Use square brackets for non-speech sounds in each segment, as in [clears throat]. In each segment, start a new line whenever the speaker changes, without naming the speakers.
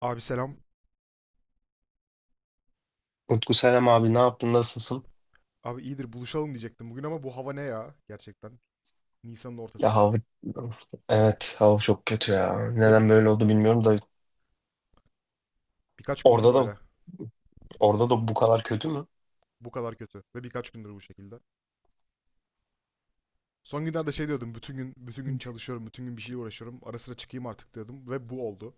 Abi selam.
Utku selam abi, ne yaptın nasılsın?
Abi iyidir buluşalım diyecektim bugün ama bu hava ne ya gerçekten? Nisan'ın
Ya
ortasında.
hava evet hava çok kötü ya.
Ve
Neden böyle oldu bilmiyorum da
birkaç gündür
orada da
böyle.
orada da bu kadar kötü mü?
Bu kadar kötü. Ve birkaç gündür bu şekilde. Son günlerde şey diyordum. Bütün gün bütün gün çalışıyorum. Bütün gün bir şeyle uğraşıyorum. Ara sıra çıkayım artık diyordum. Ve bu oldu.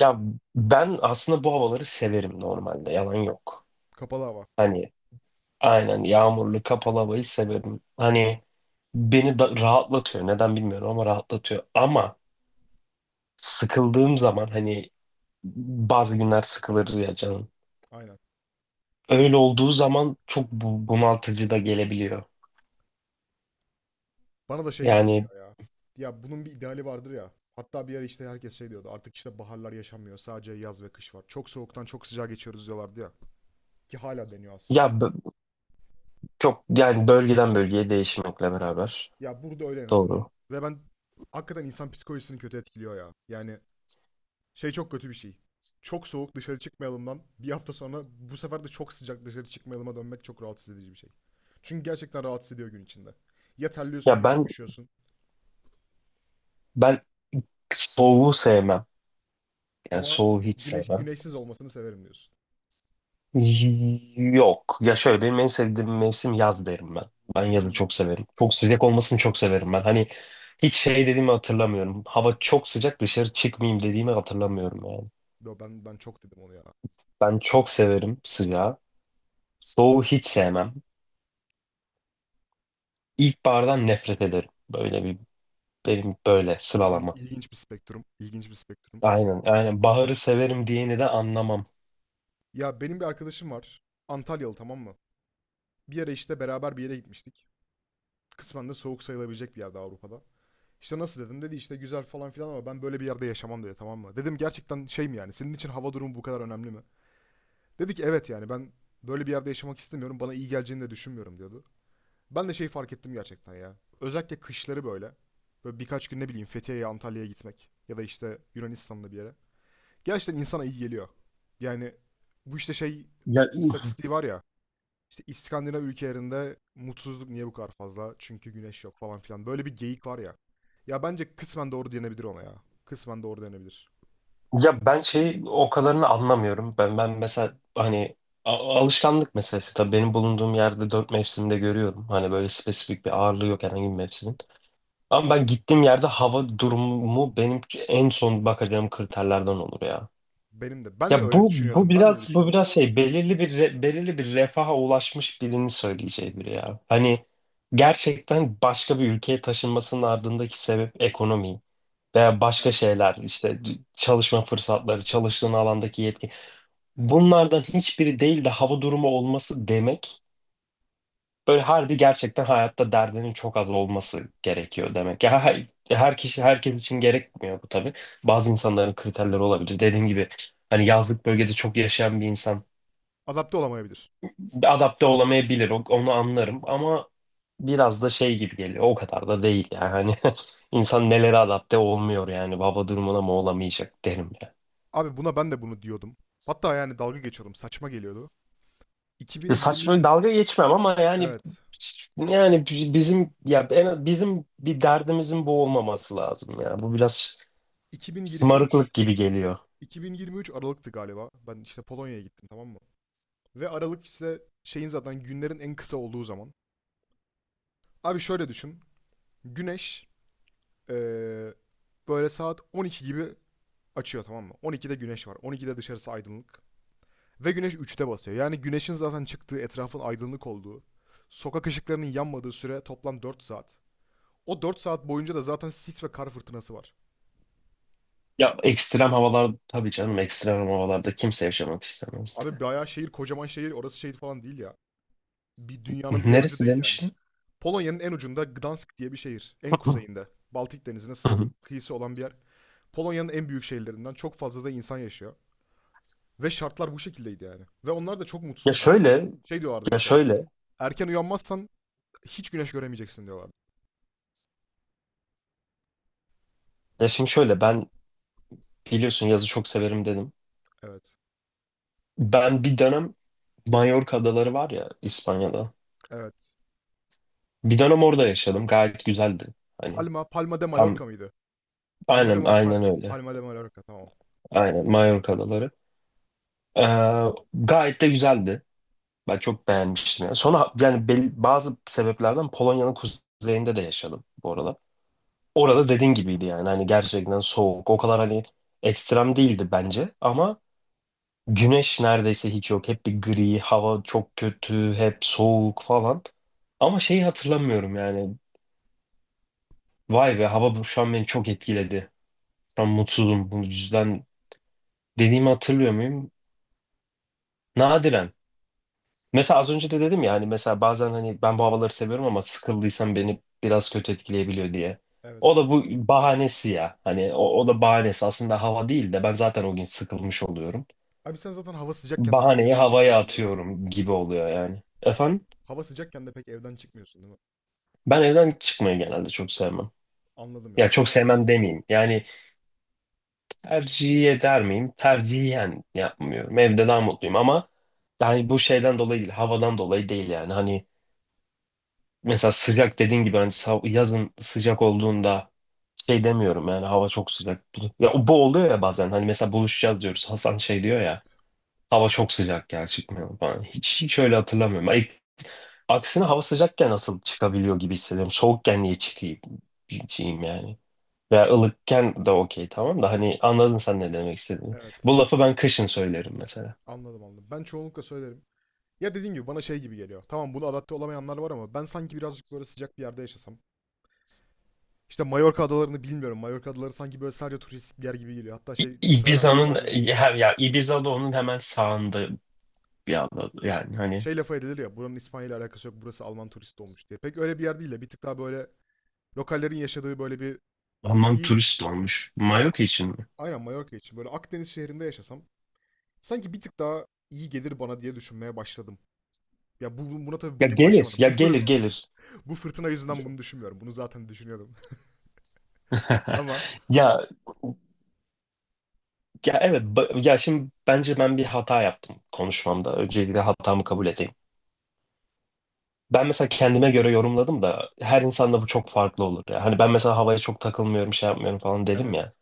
Ya ben aslında bu havaları severim normalde, yalan yok.
Kapalı hava.
Hani aynen, yağmurlu kapalı havayı severim. Hani beni da rahatlatıyor, neden bilmiyorum ama rahatlatıyor. Ama sıkıldığım zaman hani bazı günler sıkılır ya canım.
Aynen.
Öyle olduğu zaman çok bunaltıcı da gelebiliyor.
Bana da şey gibi
Yani
geliyor ya. Ya bunun bir ideali vardır ya. Hatta bir ara işte herkes şey diyordu. Artık işte baharlar yaşanmıyor. Sadece yaz ve kış var. Çok soğuktan çok sıcağa geçiyoruz diyorlardı ya. Ki hala deniyor aslında.
ya Çok, yani bölgeden bölgeye değişmekle beraber.
Ya burada öyle en azından.
Doğru.
Ve ben hakikaten insan psikolojisini kötü etkiliyor ya. Yani şey çok kötü bir şey. Çok soğuk dışarı çıkmayalımdan bir hafta sonra bu sefer de çok sıcak dışarı çıkmayalıma dönmek çok rahatsız edici bir şey. Çünkü gerçekten rahatsız ediyor gün içinde. Ya
Ya
terliyorsun ya çok
ben
üşüyorsun.
ben soğuğu sevmem. Yani
Ama
soğuğu hiç
güneş
sevmem.
güneşsiz olmasını severim diyorsun.
Y- Yok. Ya şöyle, benim en sevdiğim mevsim yaz derim ben. Ben yazı
Hmm.
çok severim. Çok sıcak olmasını çok severim ben. Hani hiç şey dediğimi hatırlamıyorum. Hava çok sıcak, dışarı çıkmayayım dediğimi hatırlamıyorum yani.
Yo, ben çok dedim onu ya.
Ben çok severim sıcağı. Soğuğu hiç sevmem. İlkbahardan nefret ederim. Böyle bir, benim böyle sıralama.
İlginç bir spektrum, ilginç bir spektrum.
Aynen. Aynen. Baharı severim diyeni de anlamam.
Ya benim bir arkadaşım var. Antalyalı, tamam mı? Bir yere işte beraber bir yere gitmiştik. Kısmen de soğuk sayılabilecek bir yerde Avrupa'da. İşte nasıl dedim, dedi işte güzel falan filan ama ben böyle bir yerde yaşamam dedi, tamam mı? Dedim gerçekten şey mi, yani senin için hava durumu bu kadar önemli mi? Dedi ki evet, yani ben böyle bir yerde yaşamak istemiyorum, bana iyi geleceğini de düşünmüyorum diyordu. Ben de şeyi fark ettim gerçekten ya. Özellikle kışları böyle. Böyle birkaç gün ne bileyim Fethiye'ye Antalya'ya gitmek ya da işte Yunanistan'da bir yere. Gerçekten insana iyi geliyor. Yani bu işte şey
Ya,
istatistiği var ya, işte İskandinav ülkelerinde mutsuzluk niye bu kadar fazla? Çünkü güneş yok falan filan. Böyle bir geyik var ya. Ya bence kısmen doğru denebilir ona ya. Kısmen doğru denebilir.
ya ben şey, o kadarını anlamıyorum. Ben mesela hani a- alışkanlık meselesi tabii, benim bulunduğum yerde 4 mevsimde görüyorum. Hani böyle spesifik bir ağırlığı yok herhangi bir mevsimin. Ama ben gittiğim yerde hava durumu benim en son bakacağım kriterlerden olur ya.
Benim de. Ben de
Ya
öyle
bu bu
düşünüyordum. Ben de öyle
biraz bu
düşünüyordum
biraz
ama
şey, belirli bir belirli bir refaha ulaşmış birini söyleyeceği biri ya. Hani gerçekten başka bir ülkeye taşınmasının ardındaki sebep ekonomi veya başka
evet.
şeyler işte, çalışma fırsatları, çalıştığın alandaki yetki. Bunlardan hiçbiri değil de hava durumu olması demek, böyle harbi gerçekten hayatta derdinin çok az olması gerekiyor demek. Her kişi, herkes için gerekmiyor bu tabii. Bazı insanların kriterleri olabilir. Dediğim gibi hani yazlık bölgede çok yaşayan bir insan
Adapte olamayabilir.
adapte olamayabilir. Onu anlarım ama biraz da şey gibi geliyor. O kadar da değil yani. Hani [laughs] insan nelere adapte olmuyor yani. Hava durumuna mı olamayacak derim.
Abi buna ben de bunu diyordum. Hatta yani dalga geçiyordum. Saçma geliyordu.
Ya
2020,
saçma, dalga geçmem ama yani,
evet.
yani bizim bizim bir derdimizin bu olmaması lazım ya. Bu biraz
2023,
şımarıklık gibi geliyor.
Aralık'tı galiba. Ben işte Polonya'ya gittim, tamam mı? Ve Aralık işte şeyin zaten günlerin en kısa olduğu zaman. Abi şöyle düşün. Güneş Ee, böyle saat 12 gibi açıyor, tamam mı? 12'de güneş var. 12'de dışarısı aydınlık. Ve güneş 3'te batıyor. Yani güneşin zaten çıktığı, etrafın aydınlık olduğu, sokak ışıklarının yanmadığı süre toplam 4 saat. O 4 saat boyunca da zaten sis ve kar fırtınası var.
Ya ekstrem havalar tabii canım, ekstrem havalarda kimse yaşamak istemez.
Abi bayağı şehir, kocaman şehir, orası şehir falan değil ya. Bir dünyanın diğer ucu
Neresi
değil yani.
demiştin?
Polonya'nın en ucunda Gdansk diye bir şehir. En
[clears throat]
kuzeyinde. Baltık Denizi'ne
Hı hı.
kıyısı olan bir yer. Polonya'nın en büyük şehirlerinden, çok fazla da insan yaşıyor. Ve şartlar bu şekildeydi yani. Ve onlar da çok
Ya
mutsuzdu.
şöyle,
Şey diyorlardı
ya
mesela.
şöyle,
Erken uyanmazsan hiç güneş göremeyeceksin diyorlardı.
ya şimdi şöyle, ben biliyorsun yazı çok severim dedim.
Evet.
Ben bir dönem, Mallorca adaları var ya İspanya'da.
Evet.
Bir dönem orada yaşadım. Gayet güzeldi. Hani
Palma de
tam,
Mallorca mıydı?
aynen aynen öyle.
Palma de Mallorca, tamam.
Aynen, Mallorca adaları. Ee, gayet de güzeldi. Ben çok beğenmiştim yani. Sonra yani bazı sebeplerden Polonya'nın kuzeyinde de yaşadım bu arada. Orada dediğin gibiydi yani. Hani gerçekten soğuk. O kadar hani ekstrem değildi bence. Ama güneş neredeyse hiç yok. Hep bir gri, hava çok kötü, hep soğuk falan. Ama şeyi hatırlamıyorum yani. Vay be, hava şu an beni çok etkiledi. Şu an mutsuzum, bu yüzden dediğimi hatırlıyor muyum? Nadiren. Mesela az önce de dedim ya, hani mesela bazen hani ben bu havaları seviyorum ama sıkıldıysam beni biraz kötü etkileyebiliyor diye. O
Evet.
da bu bahanesi ya. Hani o da bahanesi. Aslında hava değil de ben zaten o gün sıkılmış oluyorum.
Abi sen zaten hava sıcakken de pek
Bahaneyi
evden
havaya
çıkmıyorsun, değil mi?
atıyorum gibi oluyor yani. Efendim,
Hava sıcakken de pek evden çıkmıyorsun, değil mi?
ben evden çıkmayı genelde çok sevmem.
Anladım ya.
Ya
O
çok
zaman
sevmem demeyeyim. Yani tercih eder miyim? Tercihen yapmıyorum. Evde daha mutluyum ama yani bu şeyden dolayı değil, havadan dolayı değil yani. Hani mesela sıcak dediğin gibi hani yazın sıcak olduğunda şey demiyorum yani, hava çok sıcak. Ya bu oluyor ya bazen, hani mesela buluşacağız diyoruz. Hasan şey diyor ya,
evet.
hava çok sıcak gel çıkmayalım falan. Hiç öyle
Doğru.
hatırlamıyorum. Ay, aksine hava sıcakken nasıl çıkabiliyor gibi hissediyorum. Soğukken çıkayım yani. Veya ılıkken de okey, tamam da hani anladın sen ne demek istediğimi.
Evet.
Bu lafı ben kışın söylerim mesela.
Anladım anladım. Ben çoğunlukla söylerim. Ya dediğim gibi bana şey gibi geliyor. Tamam, bunu adapte olamayanlar var ama ben sanki birazcık böyle sıcak bir yerde yaşasam. İşte Mallorca adalarını bilmiyorum. Mallorca adaları sanki böyle sadece turistik bir yer gibi geliyor. Hatta şey söylentisi
Ibiza'nın
vardır ya.
ya, ya Ibiza da onun hemen sağında, bir anda yani hani
Şey lafı edilir ya, buranın İspanya ile alakası yok, burası Alman turist olmuş diye. Pek öyle bir yer değil de bir tık daha böyle lokallerin yaşadığı böyle bir
Alman
kıyı,
turist olmuş. Mallorca için mi? [laughs]
aynen Mallorca için, böyle Akdeniz şehrinde yaşasam sanki bir tık daha iyi gelir bana diye düşünmeye başladım. Ya buna tabii bugün başlamadım.
Gelir.
[laughs] Bu fırtına yüzünden bunu düşünmüyorum. Bunu zaten düşünüyordum. [laughs] Ama
[laughs] Ya ya evet, ya şimdi bence ben bir hata yaptım konuşmamda. Öncelikle hatamı kabul edeyim. Ben mesela kendime göre yorumladım da her insanda bu çok farklı olur ya. Hani ben mesela havaya çok takılmıyorum, şey yapmıyorum falan dedim
evet.
ya.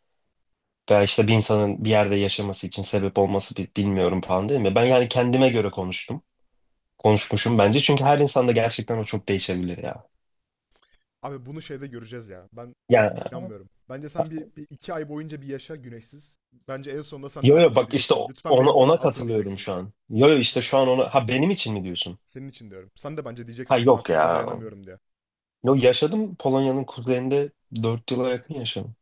Veya işte bir insanın bir yerde yaşaması için sebep olması bilmiyorum falan dedim ya. Ben yani kendime göre konuştum. Konuşmuşum bence. Çünkü her insanda gerçekten o çok değişebilir ya.
Abi bunu şeyde göreceğiz ya. Ben sana inanmıyorum. Bence sen bir iki ay boyunca bir yaşa güneşsiz. Bence en sonunda sen de
Yo
artık şey
bak işte
diyeceksin. Lütfen beni buradan
ona
atın
katılıyorum
diyeceksin.
şu an. Yo işte
Değil mi?
şu an ona... Ha, benim için mi diyorsun?
Senin için diyorum. Sen de bence
Ha
diyeceksin ben
yok
artık
ya.
buna dayanamıyorum diye.
Yo, yaşadım Polonya'nın kuzeyinde, 4 yıla yakın yaşadım.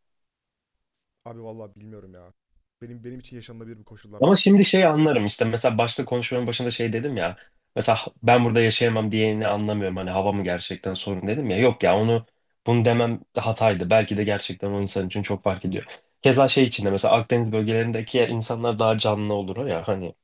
Abi vallahi bilmiyorum ya. Benim için yaşanılabilir bu koşullar
Ama
değil.
şimdi şey, anlarım işte mesela başta, konuşmanın başında şey dedim ya. Mesela ben burada yaşayamam diyeni anlamıyorum. Hani hava mı gerçekten sorun dedim ya. Yok ya, onu bunu demem hataydı. Belki de gerçekten o insan için çok fark ediyor. Keza şey içinde, mesela Akdeniz bölgelerindeki insanlar daha canlı olur ya hani.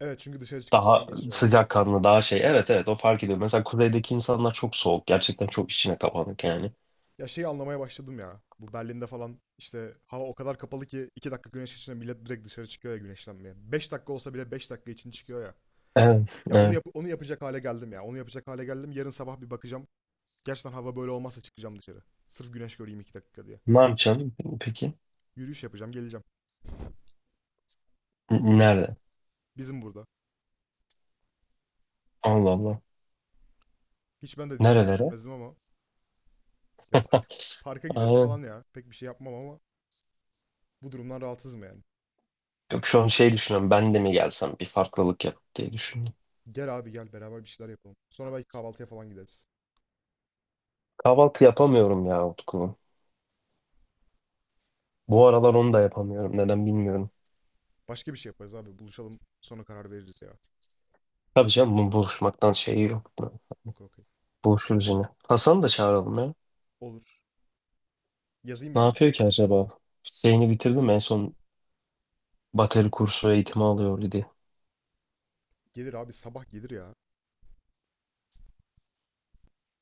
Evet, çünkü dışarı çıkıp zaman
Daha
geçiriyorlar.
sıcakkanlı, daha şey. Evet, o fark ediyor. Mesela kuzeydeki insanlar çok soğuk. Gerçekten çok içine kapanık yani.
Ya şeyi anlamaya başladım ya. Bu Berlin'de falan işte hava o kadar kapalı ki 2 dakika güneş açınca millet direkt dışarı çıkıyor ya güneşlenmeye. 5 dakika olsa bile 5 dakika için çıkıyor ya.
Evet,
Ya
evet.
onu yapacak hale geldim ya. Onu yapacak hale geldim. Yarın sabah bir bakacağım. Gerçekten hava böyle olmazsa çıkacağım dışarı. Sırf güneş göreyim 2 dakika diye.
Ne yapacaksın peki?
Yürüyüş yapacağım, geleceğim.
Nerede?
Bizim burada.
Allah Allah.
Hiç ben de diyeceğimi
Nerelere?
düşünmezdim ama ya parka giderim
Aynen.
falan ya. Pek bir şey yapmam ama bu durumdan rahatsızım yani.
Yok şu an şey düşünüyorum. Ben de mi gelsem, bir farklılık yap diye düşünüyorum.
Gel abi gel, beraber bir şeyler yapalım. Sonra belki kahvaltıya falan gideriz.
Kahvaltı yapamıyorum ya Utku. Bu aralar onu da yapamıyorum. Neden bilmiyorum.
Başka bir şey yaparız abi. Buluşalım, sonra karar veririz ya.
Tabii canım, bu buluşmaktan şeyi yok.
Okey okey.
Buluşuruz yine. Hasan'ı da çağıralım ya.
Olur. Yazayım
Ne
ben ona
yapıyor
ya.
ki acaba? Şeyini bitirdi mi en son, bateri kursu eğitimi alıyordu diye.
Gelir abi, sabah gelir ya.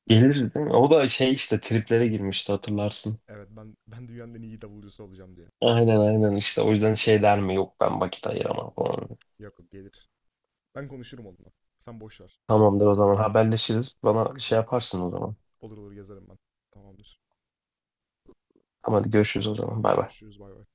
Gelir değil mi? O da şey işte, triplere girmişti hatırlarsın.
Evet, ben dünyanın en iyi davulcusu olacağım diye.
Aynen işte, o yüzden şey der mi, yok ben vakit ayıramam falan.
Yok yok, gelir. Ben konuşurum onunla. Sen boş ver.
Tamamdır o zaman, haberleşiriz. Bana şey
Tamamdır.
yaparsın o zaman.
Olur olur, yazarım ben. Tamamdır.
Tamam hadi, görüşürüz o zaman, bay bay.
Görüşürüz, bay bay.